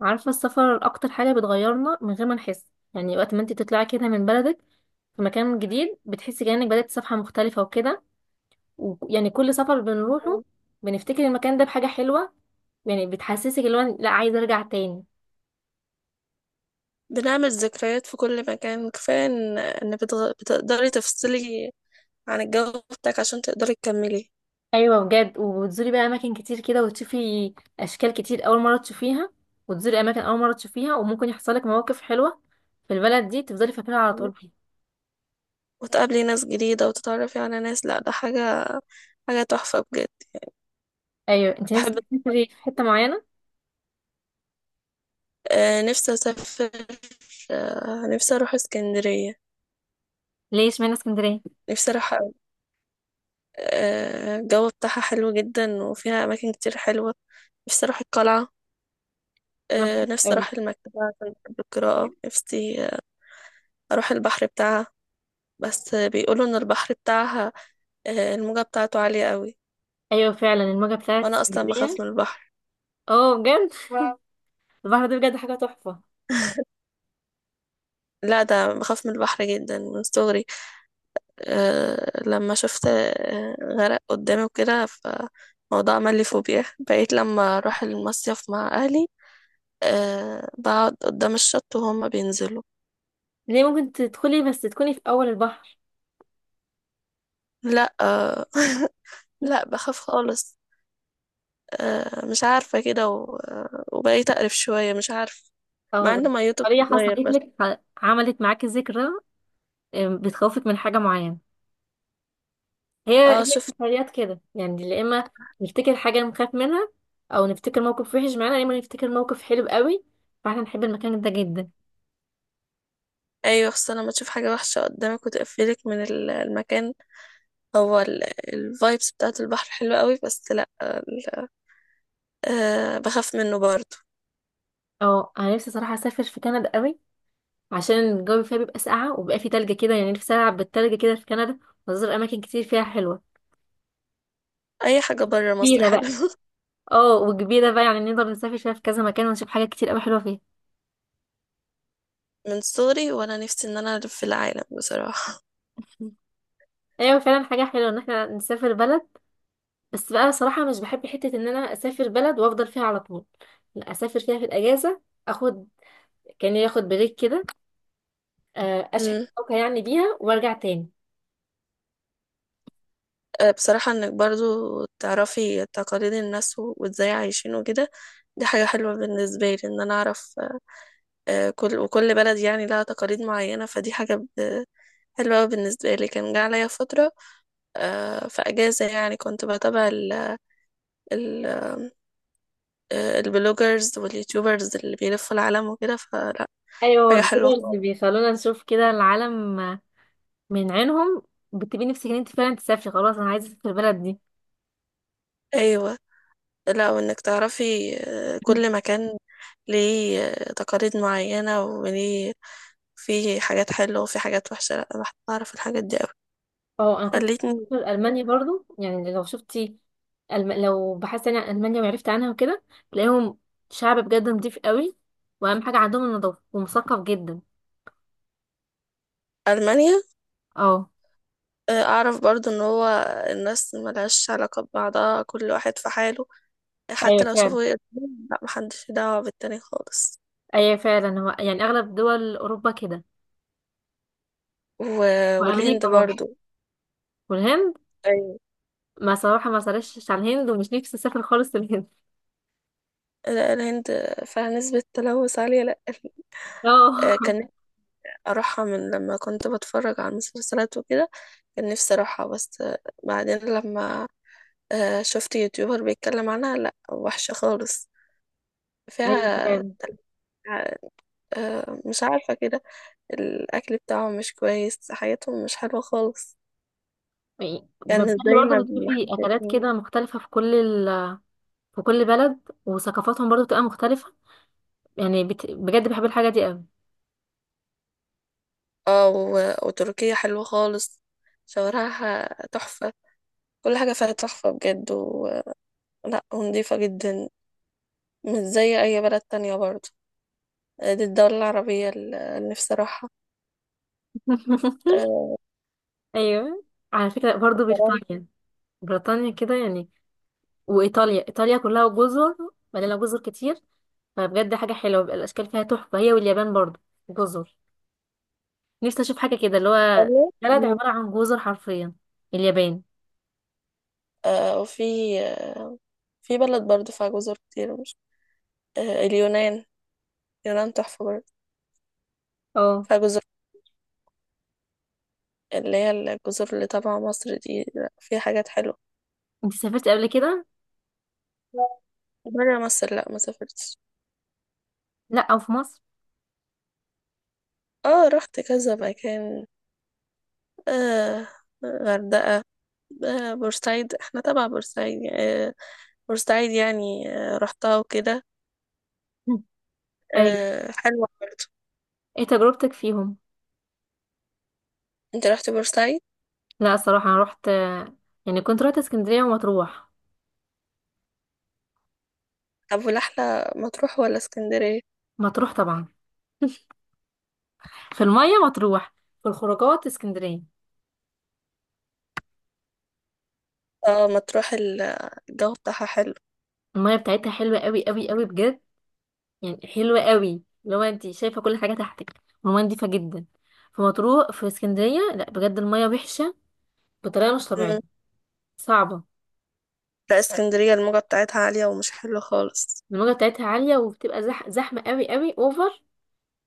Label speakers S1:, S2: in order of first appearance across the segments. S1: عارفة السفر أكتر حاجة بتغيرنا من غير ما نحس. يعني وقت ما انت تطلعي كده من بلدك في مكان جديد بتحسي كأنك بدأت صفحة مختلفة وكده. ويعني كل سفر بنروحه بنفتكر المكان ده بحاجة حلوة. يعني بتحسسك اللي هو لا عايزة أرجع تاني.
S2: بنعمل ذكريات في كل مكان. كفاية إن بتقدري تفصلي عن الجو بتاعك عشان تقدري تكملي،
S1: أيوة بجد، وبتزوري بقى أماكن كتير كده وتشوفي أشكال كتير أول مرة تشوفيها، وتزوري أماكن أول مرة تشوفيها، وممكن يحصلك مواقف حلوة في البلد دي تفضلي فاكراها على طول فيها.
S2: وتقابلي ناس جديدة وتتعرفي على ناس. لا، ده حاجة تحفة بجد.
S1: أيوة، انت
S2: بحب.
S1: نفسك تسافري في حتة معينة؟
S2: نفسي أسافر. نفسي أروح اسكندرية.
S1: ليش اشمعنى اسكندرية؟
S2: نفسي أروح أوي. الجو بتاعها حلو جدا وفيها أماكن كتير حلوة. نفسي أروح القلعة. نفسي
S1: أوي.
S2: أروح المكتبة عشان بحب القراءة. نفسي أروح البحر بتاعها. بس بيقولوا إن البحر بتاعها الموجة بتاعته عالية قوي.
S1: ايوه فعلا الموجة بتاعت
S2: وانا اصلا
S1: اسكندرية.
S2: بخاف من البحر.
S1: اه بجد واو، البحر ده بجد حاجة تحفة.
S2: لا، ده بخاف من البحر جدا من صغري. لما شفت غرق قدامي وكده، فالموضوع عمل لي فوبيا. بقيت لما اروح المصيف مع اهلي بقعد قدام الشط وهما بينزلوا.
S1: ليه؟ ممكن تدخلي بس تكوني في اول البحر.
S2: لا لا، بخاف خالص. مش عارفة كده وبقيت اقرف شوية. مش عارفة،
S1: او
S2: مع ان
S1: زي
S2: ميته
S1: طريقة حصلت
S2: بتتغير بس.
S1: لك عملت معاكي ذكرى، بتخوفك من حاجة معينة. هي
S2: اه شفت.
S1: السفريات كده يعني، يا اما نفتكر حاجة نخاف منها او نفتكر موقف وحش معانا، يا اما نفتكر موقف حلو قوي فاحنا نحب المكان ده جدا.
S2: ايوه، خصوصا لما تشوف حاجة وحشة قدامك وتقفلك من المكان. هو الفايبس بتاعت البحر حلوة قوي، بس لا، ال- أه بخاف منه برضه.
S1: اه انا نفسي صراحة اسافر في كندا قوي، عشان الجو فيها بيبقى ساقعة وبيبقى فيه تلج كده، يعني نفسي العب بالتلج كده في كندا وازور اماكن كتير فيها حلوة.
S2: اي حاجة بره مصر
S1: كبيرة بقى.
S2: حلوة.
S1: اه وكبيرة بقى، يعني نقدر نسافر فيها في كذا مكان ونشوف حاجات كتير قوي حلوة فيها.
S2: من صغري وانا نفسي ان انا الف في العالم بصراحة.
S1: ايوه فعلا حاجة حلوة ان احنا نسافر بلد. بس بقى صراحة مش بحب حتة ان انا اسافر بلد وافضل فيها على طول، لا اسافر فيها في الاجازة. اخد، كان ياخد بريك كده، اشحن
S2: امم
S1: طاقة يعني بيها وارجع تاني.
S2: بصراحة، انك برضه تعرفي تقاليد الناس و- وازاي عايشين وكده، دي حاجة حلوة بالنسبة لي. ان انا اعرف كل وكل بلد يعني لها تقاليد معينة، فدي حاجة حلوة أوي بالنسبة لي. كان جه عليا فترة في اجازة، يعني كنت بتابع ال- البلوجرز واليوتيوبرز اللي بيلفوا العالم وكده، فلا،
S1: ايوه
S2: حاجة حلوة
S1: البلوجرز
S2: خالص.
S1: بيخلونا نشوف كده العالم من عينهم. بتبقي نفسك ان انت فعلا تسافري، خلاص انا عايزة اسافر البلد دي.
S2: أيوة، لا، وإنك تعرفي كل مكان ليه تقاليد معينة، وليه في حاجات حلوة وفي حاجات وحشة. لا، أنا بحب أعرف الحاجات دي أوي.
S1: اه انا كنت
S2: خلتني
S1: في المانيا برضو، يعني لو شفتي، لو بحثت يعني عن المانيا وعرفت عنها وكده، تلاقيهم شعب بجد نضيف قوي، واهم حاجه عندهم النظافه، ومثقف جدا.
S2: ألمانيا
S1: اه.
S2: أعرف برضو إن هو الناس ملهاش علاقة ببعضها، كل واحد في حاله، حتى
S1: ايوه
S2: لو
S1: فعلا.
S2: شافوا يقدروا. لا، محدش له دعوة بالتاني خالص.
S1: ايوه فعلا، هو يعني اغلب دول اوروبا كده،
S2: و... والهند
S1: وامريكا برضه،
S2: برضو.
S1: والهند.
S2: أيوة.
S1: ما صراحه ما سرشتش على الهند ومش نفسي اسافر خالص الهند.
S2: لا، الهند فيها نسبة تلوث عالية. لا
S1: اه.
S2: كان نفسي أروحها من لما كنت بتفرج على المسلسلات وكده. كان نفسي أروحها، بس بعدين لما شفت يوتيوبر بيتكلم عنها، لا وحشة خالص
S1: ايوه
S2: فيها.
S1: فعلا.
S2: مش عارفة كده. الأكل بتاعهم مش كويس، حياتهم مش حلوة خالص،
S1: يعني
S2: يعني مش
S1: بالتالي
S2: زي ما
S1: برضه
S2: ما
S1: بتشوفي
S2: احنا
S1: اكلات
S2: شايفين.
S1: كده مختلفه في كل في كل بلد، وثقافاتهم برضه بتبقى مختلفه، يعني بجد بحب الحاجه دي قوي.
S2: اه وتركيا حلوة خالص، شوارعها تحفة، كل حاجة فيها تحفة بجد لا، ونضيفة جدا، مش زي أي بلد تانية برضه. دي الدولة العربية اللي نفسي أروحها. آه،
S1: ايوه، على فكره برضو
S2: فرنسا.
S1: بريطانيا، بريطانيا كده يعني، وايطاليا، ايطاليا كلها جزر، مليانه جزر كتير، فبجد حاجه حلوه بيبقى الاشكال فيها تحفه، هي واليابان برضو جزر. نفسي اشوف حاجه كده اللي هو
S2: إيطاليا.
S1: بلد
S2: مم.
S1: عباره عن جزر حرفيا، اليابان.
S2: وفي في بلد برضه فيها جزر كتير، مش آه، اليونان اليونان تحفة برضه،
S1: اه،
S2: فيها جزر، اللي هي الجزر اللي تبع مصر دي. لأ، فيها حاجات حلوة.
S1: انت سافرتي قبل كده؟
S2: برا مصر لأ، ما سافرتش.
S1: لا او في مصر؟
S2: اه، رحت كذا مكان. آه غردقة، بورسعيد، احنا تبع بورسعيد يعني. آه بورسعيد يعني رحتها وكده.
S1: مم. ايوه.
S2: حلوة برضه.
S1: ايه تجربتك فيهم؟
S2: انت رحت بورسعيد؟
S1: لا الصراحه انا رحت، يعني كنت رحت اسكندريه ومطروح.
S2: طب، والأحلى مطروح ولا اسكندرية؟
S1: مطروح طبعا. في الميه مطروح، في الخروجات اسكندريه.
S2: اه، مطروح. الجو بتاعها حلو.
S1: المية بتاعتها حلوة قوي قوي قوي بجد، يعني حلوة قوي لو انت شايفة كل حاجة تحتك، المية نضيفة جدا في مطروح. في اسكندرية لا بجد المية وحشة بطريقة مش طبيعية،
S2: مم.
S1: صعبة.
S2: لا، اسكندرية الموجة بتاعتها عالية ومش حلو خالص.
S1: الموجة بتاعتها عالية وبتبقى زحمة قوي قوي اوفر،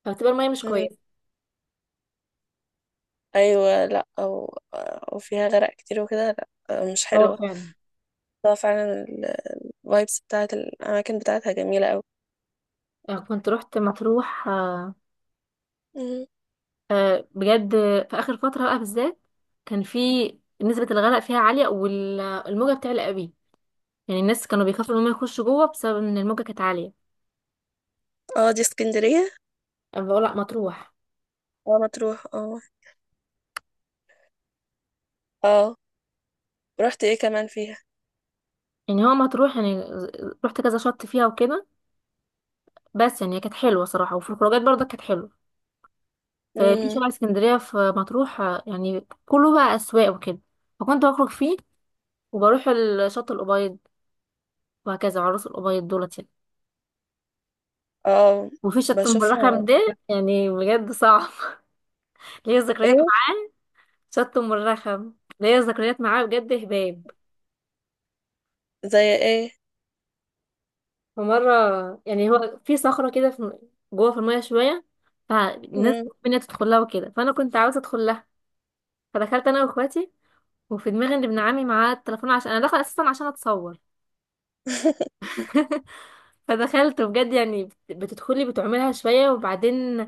S1: فبتبقى المية مش
S2: مم.
S1: كويسة.
S2: أيوة، لا أو وفيها غرق كتير وكده، لا مش
S1: هو
S2: حلوة.
S1: فعلا.
S2: اه فعلا. الفايبس بتاعت الأماكن بتاعتها جميلة أوي.
S1: كنت رحت مطروح،
S2: مم.
S1: بجد، في آخر فترة بقى بالذات كان في نسبة الغرق فيها عالية والموجة بتعلى قوي، يعني الناس كانوا بيخافوا ان هم يخشوا جوه بسبب ان الموجة كانت عالية.
S2: اه، دي اسكندرية.
S1: أنا بقول لا مطروح.
S2: اه، مطروح اه. اه، رحت ايه كمان فيها؟
S1: يعني هو مطروح، يعني رحت كذا شط فيها وكده، بس يعني كانت حلوه صراحه، وفي الخروجات برضه كانت حلوه. ففي
S2: مم.
S1: شارع اسكندريه في مطروح، يعني كله بقى اسواق وكده، فكنت بخرج فيه وبروح الشط الابيض، وهكذا عروس الابيض دولت يعني.
S2: اه،
S1: وفي شط ام الرخم
S2: بشوفها.
S1: ده يعني بجد صعب. ليا ذكريات
S2: ايه؟
S1: معاه، شط ام الرخم ليا ذكريات معاه بجد هباب.
S2: زي ايه؟
S1: ومره، يعني هو في صخره كده في جوه في الميه شويه، فالناس
S2: مم.
S1: بتحب إن هي تدخلها وكده، فانا كنت عاوزه ادخلها، فدخلت انا واخواتي، وفي دماغي ان ابن عمي معاه التليفون عشان انا داخله اساسا عشان اتصور. فدخلت بجد يعني، بتدخلي بتعملها شويه وبعدين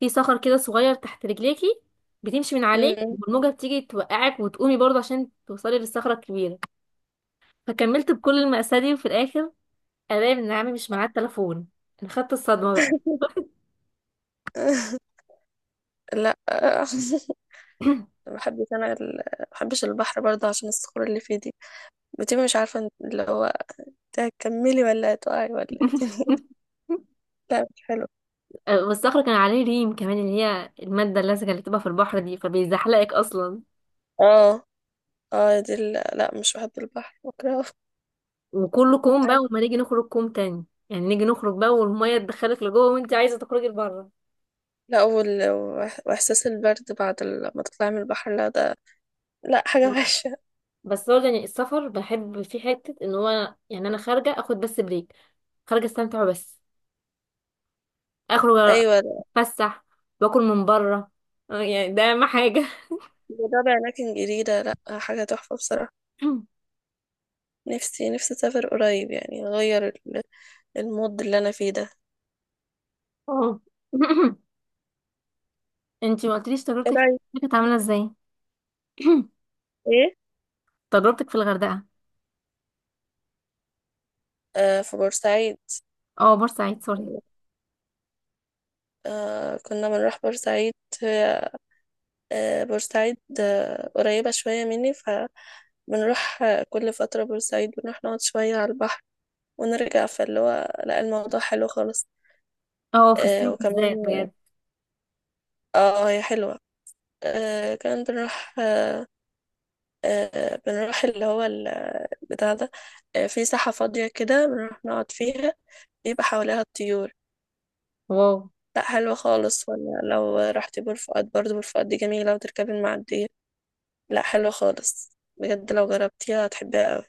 S1: في صخر كده صغير تحت رجليكي، بتمشي من عليه
S2: مم.
S1: والموجه بتيجي توقعك وتقومي برضه عشان توصلي للصخره الكبيره. فكملت بكل المأساة دي، وفي الاخر الاقي ابن عمي مش معاه التليفون. انا خدت الصدمه بقى.
S2: لا. ما بحبش البحر برضه عشان الصخور اللي فيه دي، بتبقي مش عارفه انت اللي هو تكملي ولا هتقعي ولا ايه دي. لا، مش حلو.
S1: والصخره كان عليه ريم كمان، اللي هي الماده اللزجه اللي بتبقى في البحر دي، فبيزحلقك اصلا.
S2: اه. اه، دي لا، مش بحب البحر، بكرهه.
S1: وكله كوم بقى،
S2: عارف-
S1: وما نيجي نخرج كوم تاني، يعني نيجي نخرج بقى والمية تدخلك لجوه وانت عايزة تخرجي لبره.
S2: لا، واحساس البرد بعد ما تطلعي من البحر، لا ده لا، حاجه وحشه.
S1: بس هو يعني السفر بحب في حتة ان هو، يعني انا خارجة اخد بس بريك، خارجة استمتع بس، اخرج،
S2: ايوه، لا.
S1: اتفسح، واكل من بره، يعني ده اهم حاجة.
S2: جربي اماكن جديده، لا حاجه تحفه بصراحه. نفسي نفسي اسافر قريب، يعني اغير المود اللي انا فيه ده.
S1: اه. انتي ما قلتليش
S2: ايه
S1: تجربتك في
S2: رايك؟
S1: الغردقة كانت عاملة ازاي؟
S2: ايه؟
S1: تجربتك في الغردقة.
S2: في بورسعيد.
S1: اه بورسعيد، سوري.
S2: كنا بنروح بورسعيد. هي- بورسعيد قريبة شوية مني، فبنروح كل فترة بورسعيد بنروح نقعد شوية على البحر ونرجع، فاللي هو لا، الموضوع حلو خالص.
S1: اه في الصيف
S2: وكمان
S1: بالذات بجد.
S2: اه هي حلوة. كمان بنروح بنروح اللي هو بتاع ده. في ساحة فاضية كده بنروح نقعد فيها، بيبقى حواليها الطيور،
S1: واو.
S2: لا حلوة خالص. ولا لو رحتي بور فؤاد برضه، بور فؤاد دي جميلة وتركبي المعدية، لا حلو خالص بجد، لو جربتيها هتحبيها قوي.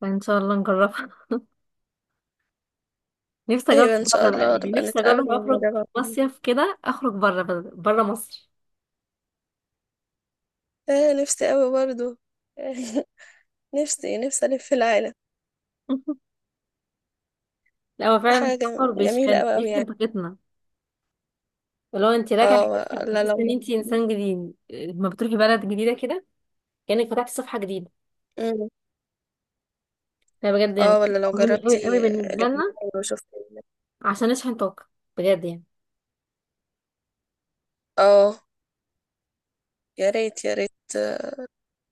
S1: فان شاء الله نجرب، نفسي اجرب.
S2: ايوه، ان شاء
S1: بره بقى
S2: الله
S1: يعني،
S2: نبقى
S1: نفسي
S2: نتقابل
S1: اجرب اخرج
S2: ونجربها.
S1: مصيف كده، اخرج بره، بره مصر.
S2: نفسي قوي برضو. نفسي نفسي الف في العالم.
S1: لا هو فعلا
S2: حاجه
S1: السفر
S2: جميله
S1: بيشحن
S2: قوي قوي
S1: بيشحن
S2: يعني.
S1: طاقتنا. ولو انت راجعه
S2: اه،
S1: كده
S2: لا
S1: تحس ان
S2: لو.
S1: انت انسان جديد لما بتروحي بلد جديده كده، كانك فتحتي صفحه جديده.
S2: مم.
S1: ده بجد يعني
S2: اه، ولا لو
S1: فكرة مهمه قوي قوي
S2: جربتي
S1: بالنسبه لنا،
S2: لبنان وشفتي.
S1: عشان نشحن طاقه بجد يعني.
S2: اه، يا ريت يا ريت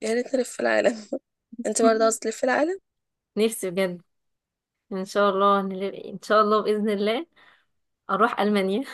S2: يا ريت نلف في العالم. انت برضه عاوزة تلف في العالم؟
S1: نفسي بجد. ان شاء الله ان شاء الله باذن الله اروح المانيا.